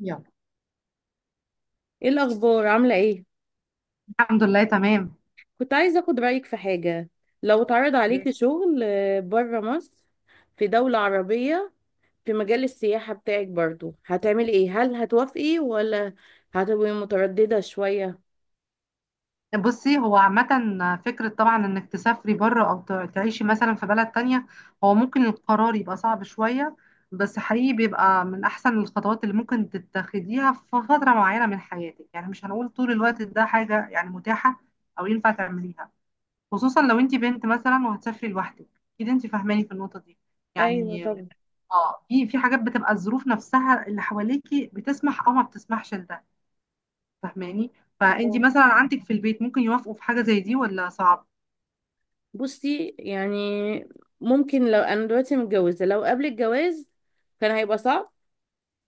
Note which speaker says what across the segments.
Speaker 1: يلا.
Speaker 2: ايه الاخبار؟ عامله ايه؟
Speaker 1: الحمد لله تمام.
Speaker 2: كنت عايزه اخد رايك في حاجه. لو اتعرض عليكي شغل بره مصر، في دوله عربيه، في مجال السياحه بتاعك برضو هتعملي ايه؟ هل هتوافقي ولا هتبقي متردده شويه؟
Speaker 1: بصي هو عامة فكرة طبعا انك تسافري بره او تعيشي مثلا في بلد تانية. هو ممكن القرار يبقى صعب شوية، بس حقيقي بيبقى من احسن الخطوات اللي ممكن تتخذيها في فترة معينة من حياتك، يعني مش هنقول طول الوقت ده حاجة يعني متاحة او ينفع تعمليها. خصوصا لو انت بنت مثلا وهتسافري لوحدك، اكيد انت فاهماني في النقطة دي
Speaker 2: ايوه
Speaker 1: يعني.
Speaker 2: طبعا.
Speaker 1: اه في حاجات بتبقى الظروف نفسها اللي حواليكي بتسمح او ما بتسمحش لده، فاهماني؟ فانت
Speaker 2: اه
Speaker 1: مثلا عندك في البيت ممكن يوافقوا في حاجة زي دي ولا صعب؟
Speaker 2: بصي ممكن لو انا دلوقتي متجوزه، لو قبل الجواز كان هيبقى صعب.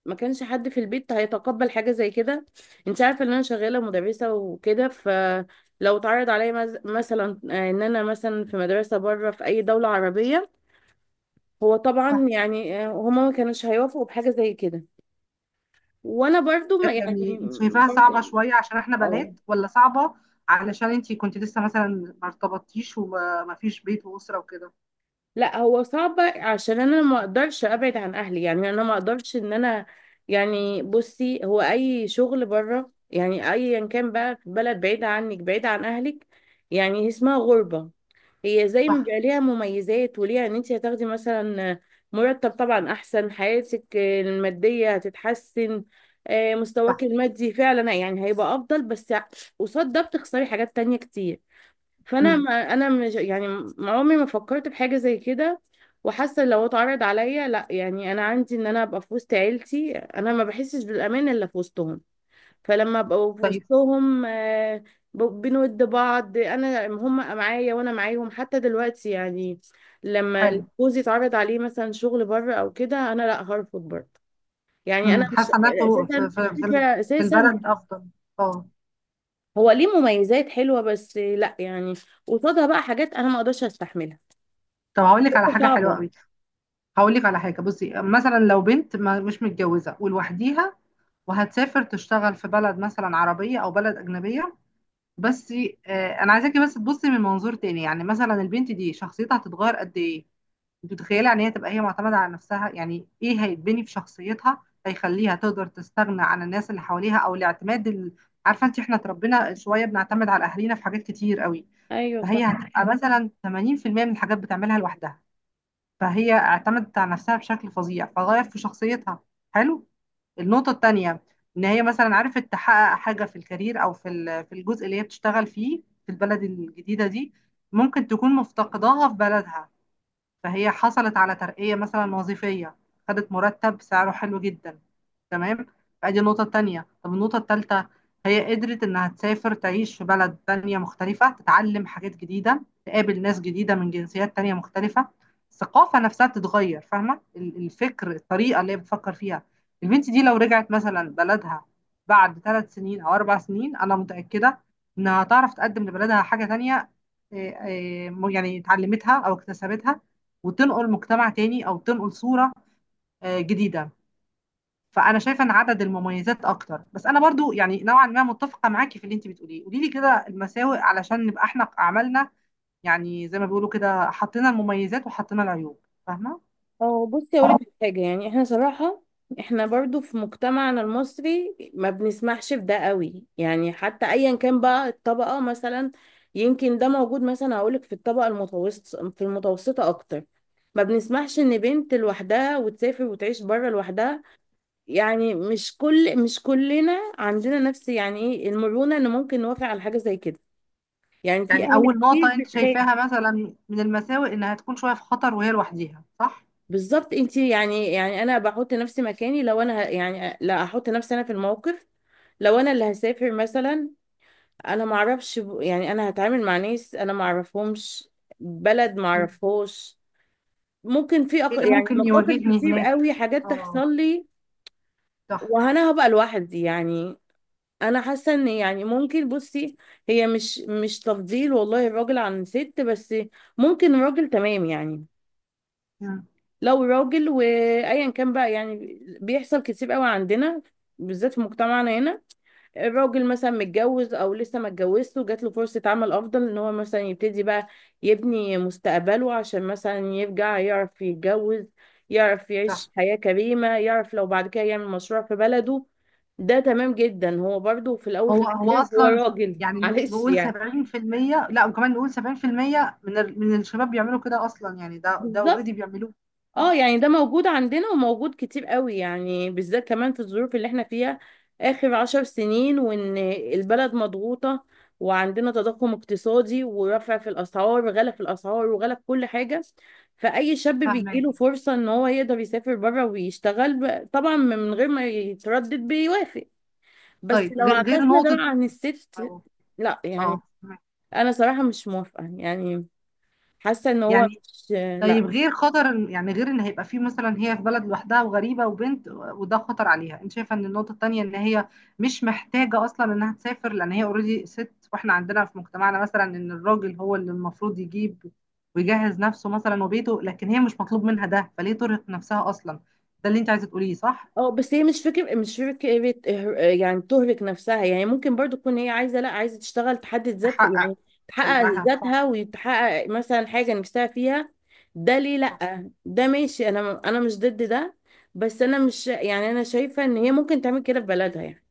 Speaker 2: ما كانش حد في البيت هيتقبل حاجة زي كده. انت عارفة ان انا شغالة مدرسة وكده، فلو اتعرض عليا مثلا ان انا مثلا في مدرسة بره في اي دولة عربية، هو طبعا
Speaker 1: صح.
Speaker 2: هما ما كانوش هيوافقوا بحاجة زي كده. وانا برضو ما يعني
Speaker 1: يعني انت شايفاها
Speaker 2: برضو
Speaker 1: صعبة شوية عشان احنا
Speaker 2: اه.
Speaker 1: بنات، ولا صعبة علشان انت كنت لسه مثلا ما ارتبطتيش وما فيش بيت وأسرة وكده؟
Speaker 2: لا هو صعب عشان انا ما اقدرش ابعد عن اهلي، يعني انا ما اقدرش ان انا يعني بصي، هو اي شغل بره يعني ايا كان بقى في بلد بعيدة عنك، بعيدة عن اهلك، يعني اسمها غربة. هي زي ما
Speaker 1: صح.
Speaker 2: بيبقى ليها مميزات، وليها ان انت هتاخدي مثلا مرتب، طبعا احسن، حياتك المادية هتتحسن. مستواك
Speaker 1: صح.
Speaker 2: المادي فعلا يعني هيبقى افضل، بس قصاد ده بتخسري حاجات تانية كتير. فانا
Speaker 1: امم.
Speaker 2: ما انا مش يعني ما عمري ما فكرت في حاجه زي كده. وحاسه لو اتعرض عليا لا، يعني انا عندي ان انا ابقى في وسط عيلتي، انا ما بحسش بالامان الا في وسطهم. فلما ابقى في
Speaker 1: طيب.
Speaker 2: وسطهم بنود بعض، انا هم معايا وانا معاهم حتى دلوقتي يعني. لما
Speaker 1: حلو.
Speaker 2: جوزي اتعرض عليه مثلا شغل بره او كده، انا لا، هرفض برضه. يعني انا
Speaker 1: امم.
Speaker 2: مش
Speaker 1: حاسة ان انتوا
Speaker 2: الفكره
Speaker 1: في في
Speaker 2: اساسا.
Speaker 1: البلد افضل. اه.
Speaker 2: هو ليه مميزات حلوه، بس لا يعني قصادها بقى حاجات انا ما اقدرش استحملها.
Speaker 1: طب هقول لك على حاجة حلوة
Speaker 2: صعبة.
Speaker 1: قوي. هقول لك على حاجة، بصي مثلا لو بنت ما مش متجوزة ولوحديها وهتسافر تشتغل في بلد مثلا عربية او بلد أجنبية، بس انا عايزاكي بس تبصي من منظور تاني. يعني مثلا البنت دي شخصيتها هتتغير قد ايه؟ انت متخيله ان هي تبقى هي معتمده على نفسها؟ يعني ايه هيتبني في شخصيتها، هيخليها تقدر تستغنى عن الناس اللي حواليها او الاعتماد ال... عارفه انت احنا اتربينا شويه بنعتمد على اهالينا في حاجات كتير قوي.
Speaker 2: ايوه
Speaker 1: فهي
Speaker 2: صح.
Speaker 1: هتبقى مثلا 80% من الحاجات بتعملها لوحدها، فهي اعتمدت على نفسها بشكل فظيع فغير في شخصيتها. حلو. النقطة التانية، إن هي مثلا عرفت تحقق حاجة في الكارير أو في في الجزء اللي هي بتشتغل فيه في البلد الجديدة دي، ممكن تكون مفتقداها في بلدها. فهي حصلت على ترقية مثلا وظيفية، خدت مرتب سعره حلو جدا. تمام. فأدي النقطة التانية. طب النقطة التالتة، هي قدرت إنها تسافر تعيش في بلد تانية مختلفة، تتعلم حاجات جديدة، تقابل ناس جديدة من جنسيات تانية مختلفة. الثقافة نفسها بتتغير، فاهمة الفكر، الطريقة اللي هي بتفكر فيها. البنت دي لو رجعت مثلا بلدها بعد 3 سنين أو 4 سنين، أنا متأكدة إنها هتعرف تقدم لبلدها حاجة تانية، إيه، إيه، يعني اتعلمتها أو اكتسبتها، وتنقل مجتمع تاني او تنقل صورة جديدة. فانا شايفة ان عدد المميزات اكتر، بس انا برضو يعني نوعا ما متفقة معاكي في اللي انت بتقوليه. قولي لي كده المساوئ علشان نبقى احنا عملنا، يعني زي ما بيقولوا كده، حطينا المميزات وحطينا العيوب. فاهمة؟
Speaker 2: بصي اقول لك حاجة، يعني احنا صراحة احنا برضو في مجتمعنا المصري ما بنسمحش بده قوي، يعني حتى ايا كان بقى الطبقة مثلا. يمكن ده موجود مثلا، هقول لك، في الطبقة المتوسطة، في المتوسطة اكتر ما بنسمحش ان بنت لوحدها وتسافر وتعيش بره لوحدها. يعني مش كلنا عندنا نفس يعني ايه، المرونة ان ممكن نوافق على حاجة زي كده. يعني في
Speaker 1: يعني
Speaker 2: اهل
Speaker 1: اول
Speaker 2: كتير
Speaker 1: نقطة انت
Speaker 2: بتخاف.
Speaker 1: شايفاها مثلا من المساوئ انها تكون شوية في خطر وهي لوحديها، صح؟
Speaker 2: بالظبط انت يعني انا بحط نفسي مكاني، لو انا ه- يعني لا احط نفسي انا في الموقف، لو انا اللي هسافر مثلا، انا ما اعرفش انا هتعامل مع ناس انا ما اعرفهمش، بلد ما
Speaker 1: مم.
Speaker 2: اعرفهاش. ممكن في أخ...
Speaker 1: ايه اللي
Speaker 2: يعني
Speaker 1: ممكن
Speaker 2: مخاطر
Speaker 1: يواجهني
Speaker 2: كتير
Speaker 1: هناك.
Speaker 2: قوي حاجات
Speaker 1: اه.
Speaker 2: تحصل لي
Speaker 1: صح.
Speaker 2: وانا هبقى لوحدي يعني. انا حاسه ان يعني ممكن بصي، هي مش تفضيل والله الراجل عن الست، بس ممكن الراجل تمام يعني
Speaker 1: مم.
Speaker 2: لو راجل، وايا كان بقى، يعني بيحصل كتير قوي عندنا، بالذات في مجتمعنا هنا. الراجل مثلا متجوز او لسه ما اتجوزش وجات له فرصة عمل افضل، ان هو مثلا يبتدي بقى يبني مستقبله، عشان مثلا يرجع يعرف يتجوز، يعرف
Speaker 1: صح.
Speaker 2: يعيش حياة كريمة، يعرف لو بعد كده يعمل مشروع في بلده. ده تمام جدا، هو برضو في الاول في
Speaker 1: هو
Speaker 2: الاخر هو
Speaker 1: اصلا
Speaker 2: راجل
Speaker 1: يعني
Speaker 2: معلش
Speaker 1: نقول
Speaker 2: يعني.
Speaker 1: 70%. لا، وكمان نقول 70% من الشباب بيعملوا كده اصلا. يعني ده ده اوريدي
Speaker 2: بالظبط.
Speaker 1: بيعملوه.
Speaker 2: اه
Speaker 1: اه.
Speaker 2: يعني ده موجود عندنا وموجود كتير قوي، يعني بالذات كمان في الظروف اللي احنا فيها اخر 10 سنين. وان البلد مضغوطة وعندنا تضخم اقتصادي ورفع في الاسعار وغلا في الاسعار وغلا في كل حاجة. فاي شاب
Speaker 1: فاهمك.
Speaker 2: بيجيله فرصة ان هو يقدر يسافر بره ويشتغل، طبعا من غير ما يتردد بيوافق. بس
Speaker 1: طيب
Speaker 2: لو
Speaker 1: غير
Speaker 2: عكسنا ده
Speaker 1: نقطة.
Speaker 2: بقى عن الست،
Speaker 1: اه.
Speaker 2: لا يعني
Speaker 1: اه، فاهماكي.
Speaker 2: انا صراحة مش موافقة يعني. حاسة ان هو
Speaker 1: يعني
Speaker 2: مش،
Speaker 1: طيب
Speaker 2: لا
Speaker 1: غير خطر يعني غير ان هيبقى في مثلا هي في بلد لوحدها وغريبة وبنت، وده خطر عليها، انت شايفة ان النقطة التانية ان هي مش محتاجة اصلا انها تسافر، لان هي اوريدي ست، واحنا عندنا في مجتمعنا مثلا ان الراجل هو اللي المفروض يجيب ويجهز نفسه مثلا وبيته، لكن هي مش مطلوب منها ده، فليه ترهق نفسها اصلا؟ ده اللي انت عايزة تقوليه صح؟
Speaker 2: اه، بس هي مش فكرة، يعني تهلك نفسها. يعني ممكن برضو تكون هي عايزة، لا عايزة تشتغل تحدد ذات
Speaker 1: تحقق
Speaker 2: يعني، تحقق
Speaker 1: حلمها، صح.
Speaker 2: ذاتها، وتحقق مثلا حاجة نفسها فيها. ده ليه
Speaker 1: صح.
Speaker 2: لا، ده ماشي، انا مش ضد ده. بس انا مش يعني، انا شايفة ان هي ممكن تعمل كده في بلدها يعني.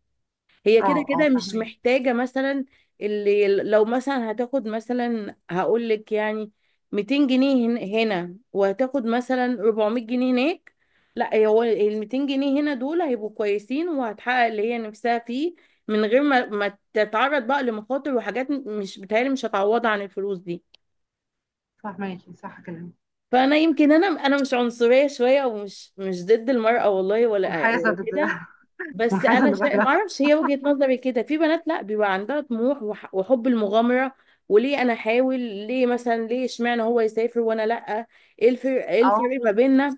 Speaker 2: هي كده
Speaker 1: اه.
Speaker 2: كده
Speaker 1: اه،
Speaker 2: مش
Speaker 1: فاهماكي.
Speaker 2: محتاجة مثلا. اللي لو مثلا هتاخد مثلا، هقول لك يعني، 200 جنيه هنا، وهتاخد مثلا 400 جنيه هناك. لا، هو ال 200 جنيه هنا دول هيبقوا كويسين، وهتحقق اللي هي نفسها فيه، من غير ما تتعرض بقى لمخاطر وحاجات مش بتهيألي مش هتعوضها عن الفلوس دي.
Speaker 1: فاهماكي. صح كلامك.
Speaker 2: فانا يمكن، انا مش عنصرية شوية، ومش مش ضد المرأة، والله ولا
Speaker 1: منحازة
Speaker 2: ولا
Speaker 1: ضد
Speaker 2: كده. بس
Speaker 1: منحازة
Speaker 2: انا شا...
Speaker 1: للراجل
Speaker 2: ما
Speaker 1: أكتر.
Speaker 2: اعرفش هي وجهة نظري كده في بنات، لا، بيبقى عندها طموح وحب المغامرة. وليه انا احاول؟ ليه مثلا؟ ليه اشمعنى هو يسافر وانا لا؟ ايه الفرق؟
Speaker 1: اه.
Speaker 2: ما بيننا؟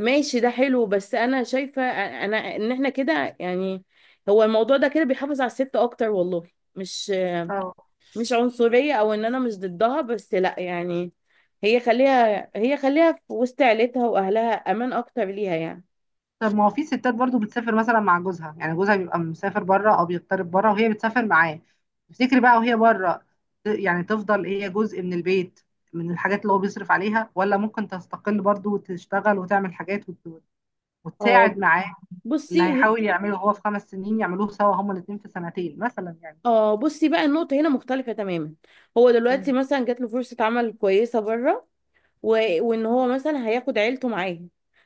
Speaker 2: ماشي ده حلو، بس انا شايفة ان احنا كده يعني، هو الموضوع ده كده بيحافظ على الست اكتر والله. مش
Speaker 1: اه.
Speaker 2: مش عنصرية او ان انا مش ضدها، بس لا يعني، هي خليها في وسط عيلتها واهلها امان اكتر ليها يعني.
Speaker 1: طب ما هو في ستات برضو بتسافر مثلا مع جوزها، يعني جوزها بيبقى مسافر بره او بيغترب بره وهي بتسافر معاه. تفتكري بقى وهي بره، يعني تفضل هي جزء من البيت من الحاجات اللي هو بيصرف عليها، ولا ممكن تستقل برضو وتشتغل وتعمل حاجات
Speaker 2: اه
Speaker 1: وتساعد معاه؟ اللي
Speaker 2: بصي
Speaker 1: هيحاول يعمله هو في 5 سنين، يعملوه سوا هما الاتنين في 2 سنين مثلا يعني.
Speaker 2: اه بصي بقى النقطة هنا مختلفة تماما. هو دلوقتي
Speaker 1: مم.
Speaker 2: مثلا جات له فرصة عمل كويسة بره، و... وان هو مثلا هياخد عيلته معاه،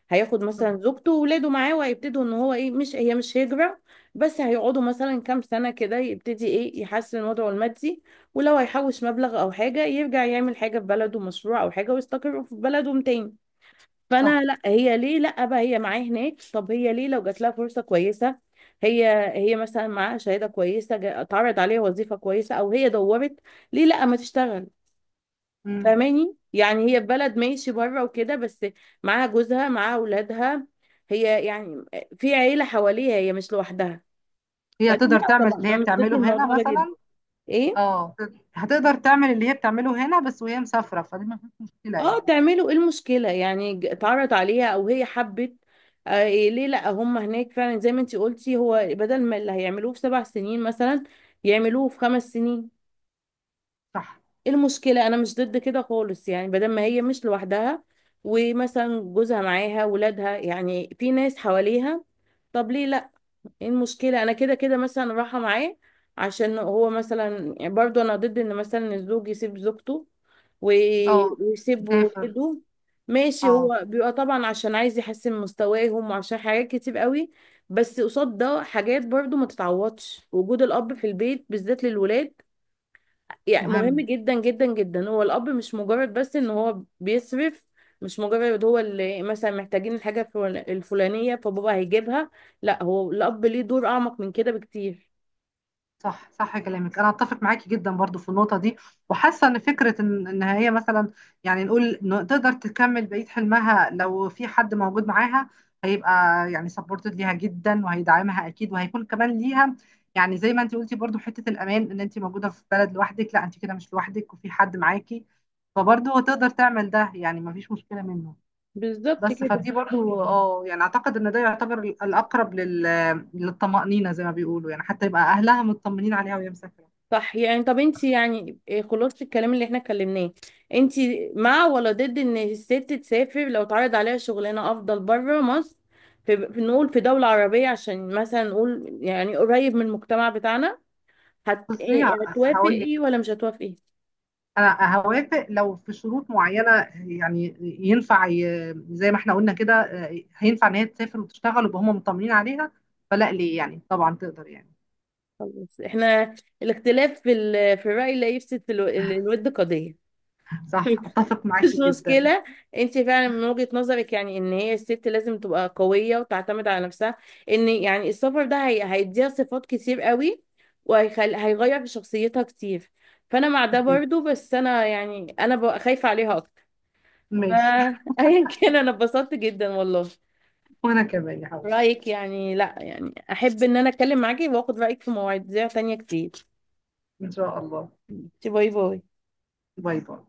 Speaker 2: هياخد مثلا زوجته وولاده معاه، وهيبتدوا ان هو ايه، مش هي مش هجرة، بس هيقعدوا مثلا كام سنة كده، يبتدي ايه يحسن وضعه المادي. ولو هيحوش مبلغ او حاجة، يرجع يعمل حاجة في بلده مشروع او حاجة، ويستقر في بلده تاني.
Speaker 1: صح.
Speaker 2: فانا لا، هي ليه لا بقى هي معايا هناك؟ طب هي ليه لو جات لها فرصه كويسه، هي هي مثلا معاها شهاده كويسه، اتعرض عليها وظيفه كويسه، او هي دورت، ليه لا ما تشتغل؟
Speaker 1: مم.
Speaker 2: فاهماني يعني، هي في بلد ماشي بره وكده، بس معاها جوزها، معاها اولادها، هي يعني في عيله حواليها، هي مش لوحدها.
Speaker 1: هي
Speaker 2: فليه
Speaker 1: تقدر
Speaker 2: لا؟
Speaker 1: تعمل
Speaker 2: طبعا
Speaker 1: اللي
Speaker 2: انا
Speaker 1: هي
Speaker 2: مش ضد
Speaker 1: بتعمله هنا
Speaker 2: الموضوع ده جدا.
Speaker 1: مثلا.
Speaker 2: ايه.
Speaker 1: اه. هتقدر تعمل اللي هي بتعمله هنا بس وهي مسافرة، فدي ما فيش مشكلة
Speaker 2: اه
Speaker 1: يعني.
Speaker 2: تعملوا ايه المشكلة، يعني اتعرض عليها او هي حبت. آه إيه ليه لا؟ هم هناك فعلا زي ما انتي قلتي، هو بدل ما اللي هيعملوه في 7 سنين مثلا، يعملوه في 5 سنين.
Speaker 1: صح.
Speaker 2: ايه المشكلة؟ انا مش ضد كده خالص يعني، بدل ما هي مش لوحدها، ومثلا جوزها معاها، ولادها، يعني في ناس حواليها، طب ليه؟ ايه المشكلة؟ انا كده كده مثلا رايحة معاه، عشان هو مثلا، يعني برضو انا ضد ان مثلا الزوج يسيب زوجته و-
Speaker 1: اه.
Speaker 2: ويسيب
Speaker 1: تسافر.
Speaker 2: ولاده. ماشي
Speaker 1: اه.
Speaker 2: هو بيبقى طبعا عشان عايز يحسن مستواهم وعشان حاجات كتير قوي، بس قصاد ده حاجات برضو ما تتعوضش، وجود الاب في البيت بالذات للولاد يعني مهم
Speaker 1: مهم.
Speaker 2: جدا جدا جدا. هو الاب مش مجرد بس ان هو بيصرف، مش مجرد هو اللي مثلا محتاجين الحاجه الفلانيه فبابا هيجيبها، لا، هو الاب ليه دور اعمق من كده بكتير.
Speaker 1: صح، صح كلامك، انا اتفق معاكي جدا برضو في النقطه دي. وحاسه ان فكره ان ان هي مثلا، يعني نقول إن تقدر تكمل بقيه حلمها لو في حد موجود معاها، هيبقى يعني سبورتد ليها جدا وهيدعمها اكيد، وهيكون كمان ليها يعني زي ما انت قلتي برضو حته الامان، ان انت موجوده في بلد لوحدك، لا انت كده مش لوحدك وفي حد معاكي، فبرضو تقدر تعمل ده، يعني مفيش مشكله منه.
Speaker 2: بالظبط
Speaker 1: بس
Speaker 2: كده.
Speaker 1: فدي برضو اه، يعني اعتقد ان ده يعتبر الاقرب لل... للطمأنينة زي ما بيقولوا، يعني حتى يبقى اهلها مطمنين عليها وهي مسافرة.
Speaker 2: صح يعني. طب انت يعني إيه خلاصه الكلام اللي احنا اتكلمناه؟ انت مع ولا ضد ان الست تسافر لو اتعرض عليها شغلانه افضل بره مصر، في نقول في دوله عربيه عشان مثلا نقول يعني قريب من المجتمع بتاعنا؟
Speaker 1: بصي هقول لك،
Speaker 2: هتوافقي ولا مش هتوافقي؟
Speaker 1: انا هوافق لو في شروط معينة. يعني ينفع زي ما احنا قلنا كده هينفع ان هي تسافر وتشتغل ويبقى هم مطمنين عليها، فلا ليه يعني، طبعا تقدر يعني.
Speaker 2: خلاص، احنا الاختلاف في في الرأي لا يفسد الود قضية.
Speaker 1: صح. اتفق
Speaker 2: مش
Speaker 1: معاكي جدا.
Speaker 2: مشكلة. انت فعلا من وجهة نظرك يعني ان هي الست لازم تبقى قوية وتعتمد على نفسها، ان يعني السفر ده هيديها صفات كتير قوي، هيغير في شخصيتها كتير. فانا مع ده
Speaker 1: أكيد.
Speaker 2: برضو، بس انا يعني انا ببقى خايفة عليها اكتر.
Speaker 1: ماشي.
Speaker 2: فايا كان، انا اتبسطت جدا والله.
Speaker 1: وانا كمان يا حبيبي.
Speaker 2: رأيك يعني، لا يعني احب ان انا اتكلم معاكي واخد رأيك في مواضيع تانية كتير.
Speaker 1: ان شاء الله.
Speaker 2: باي باي.
Speaker 1: باي باي.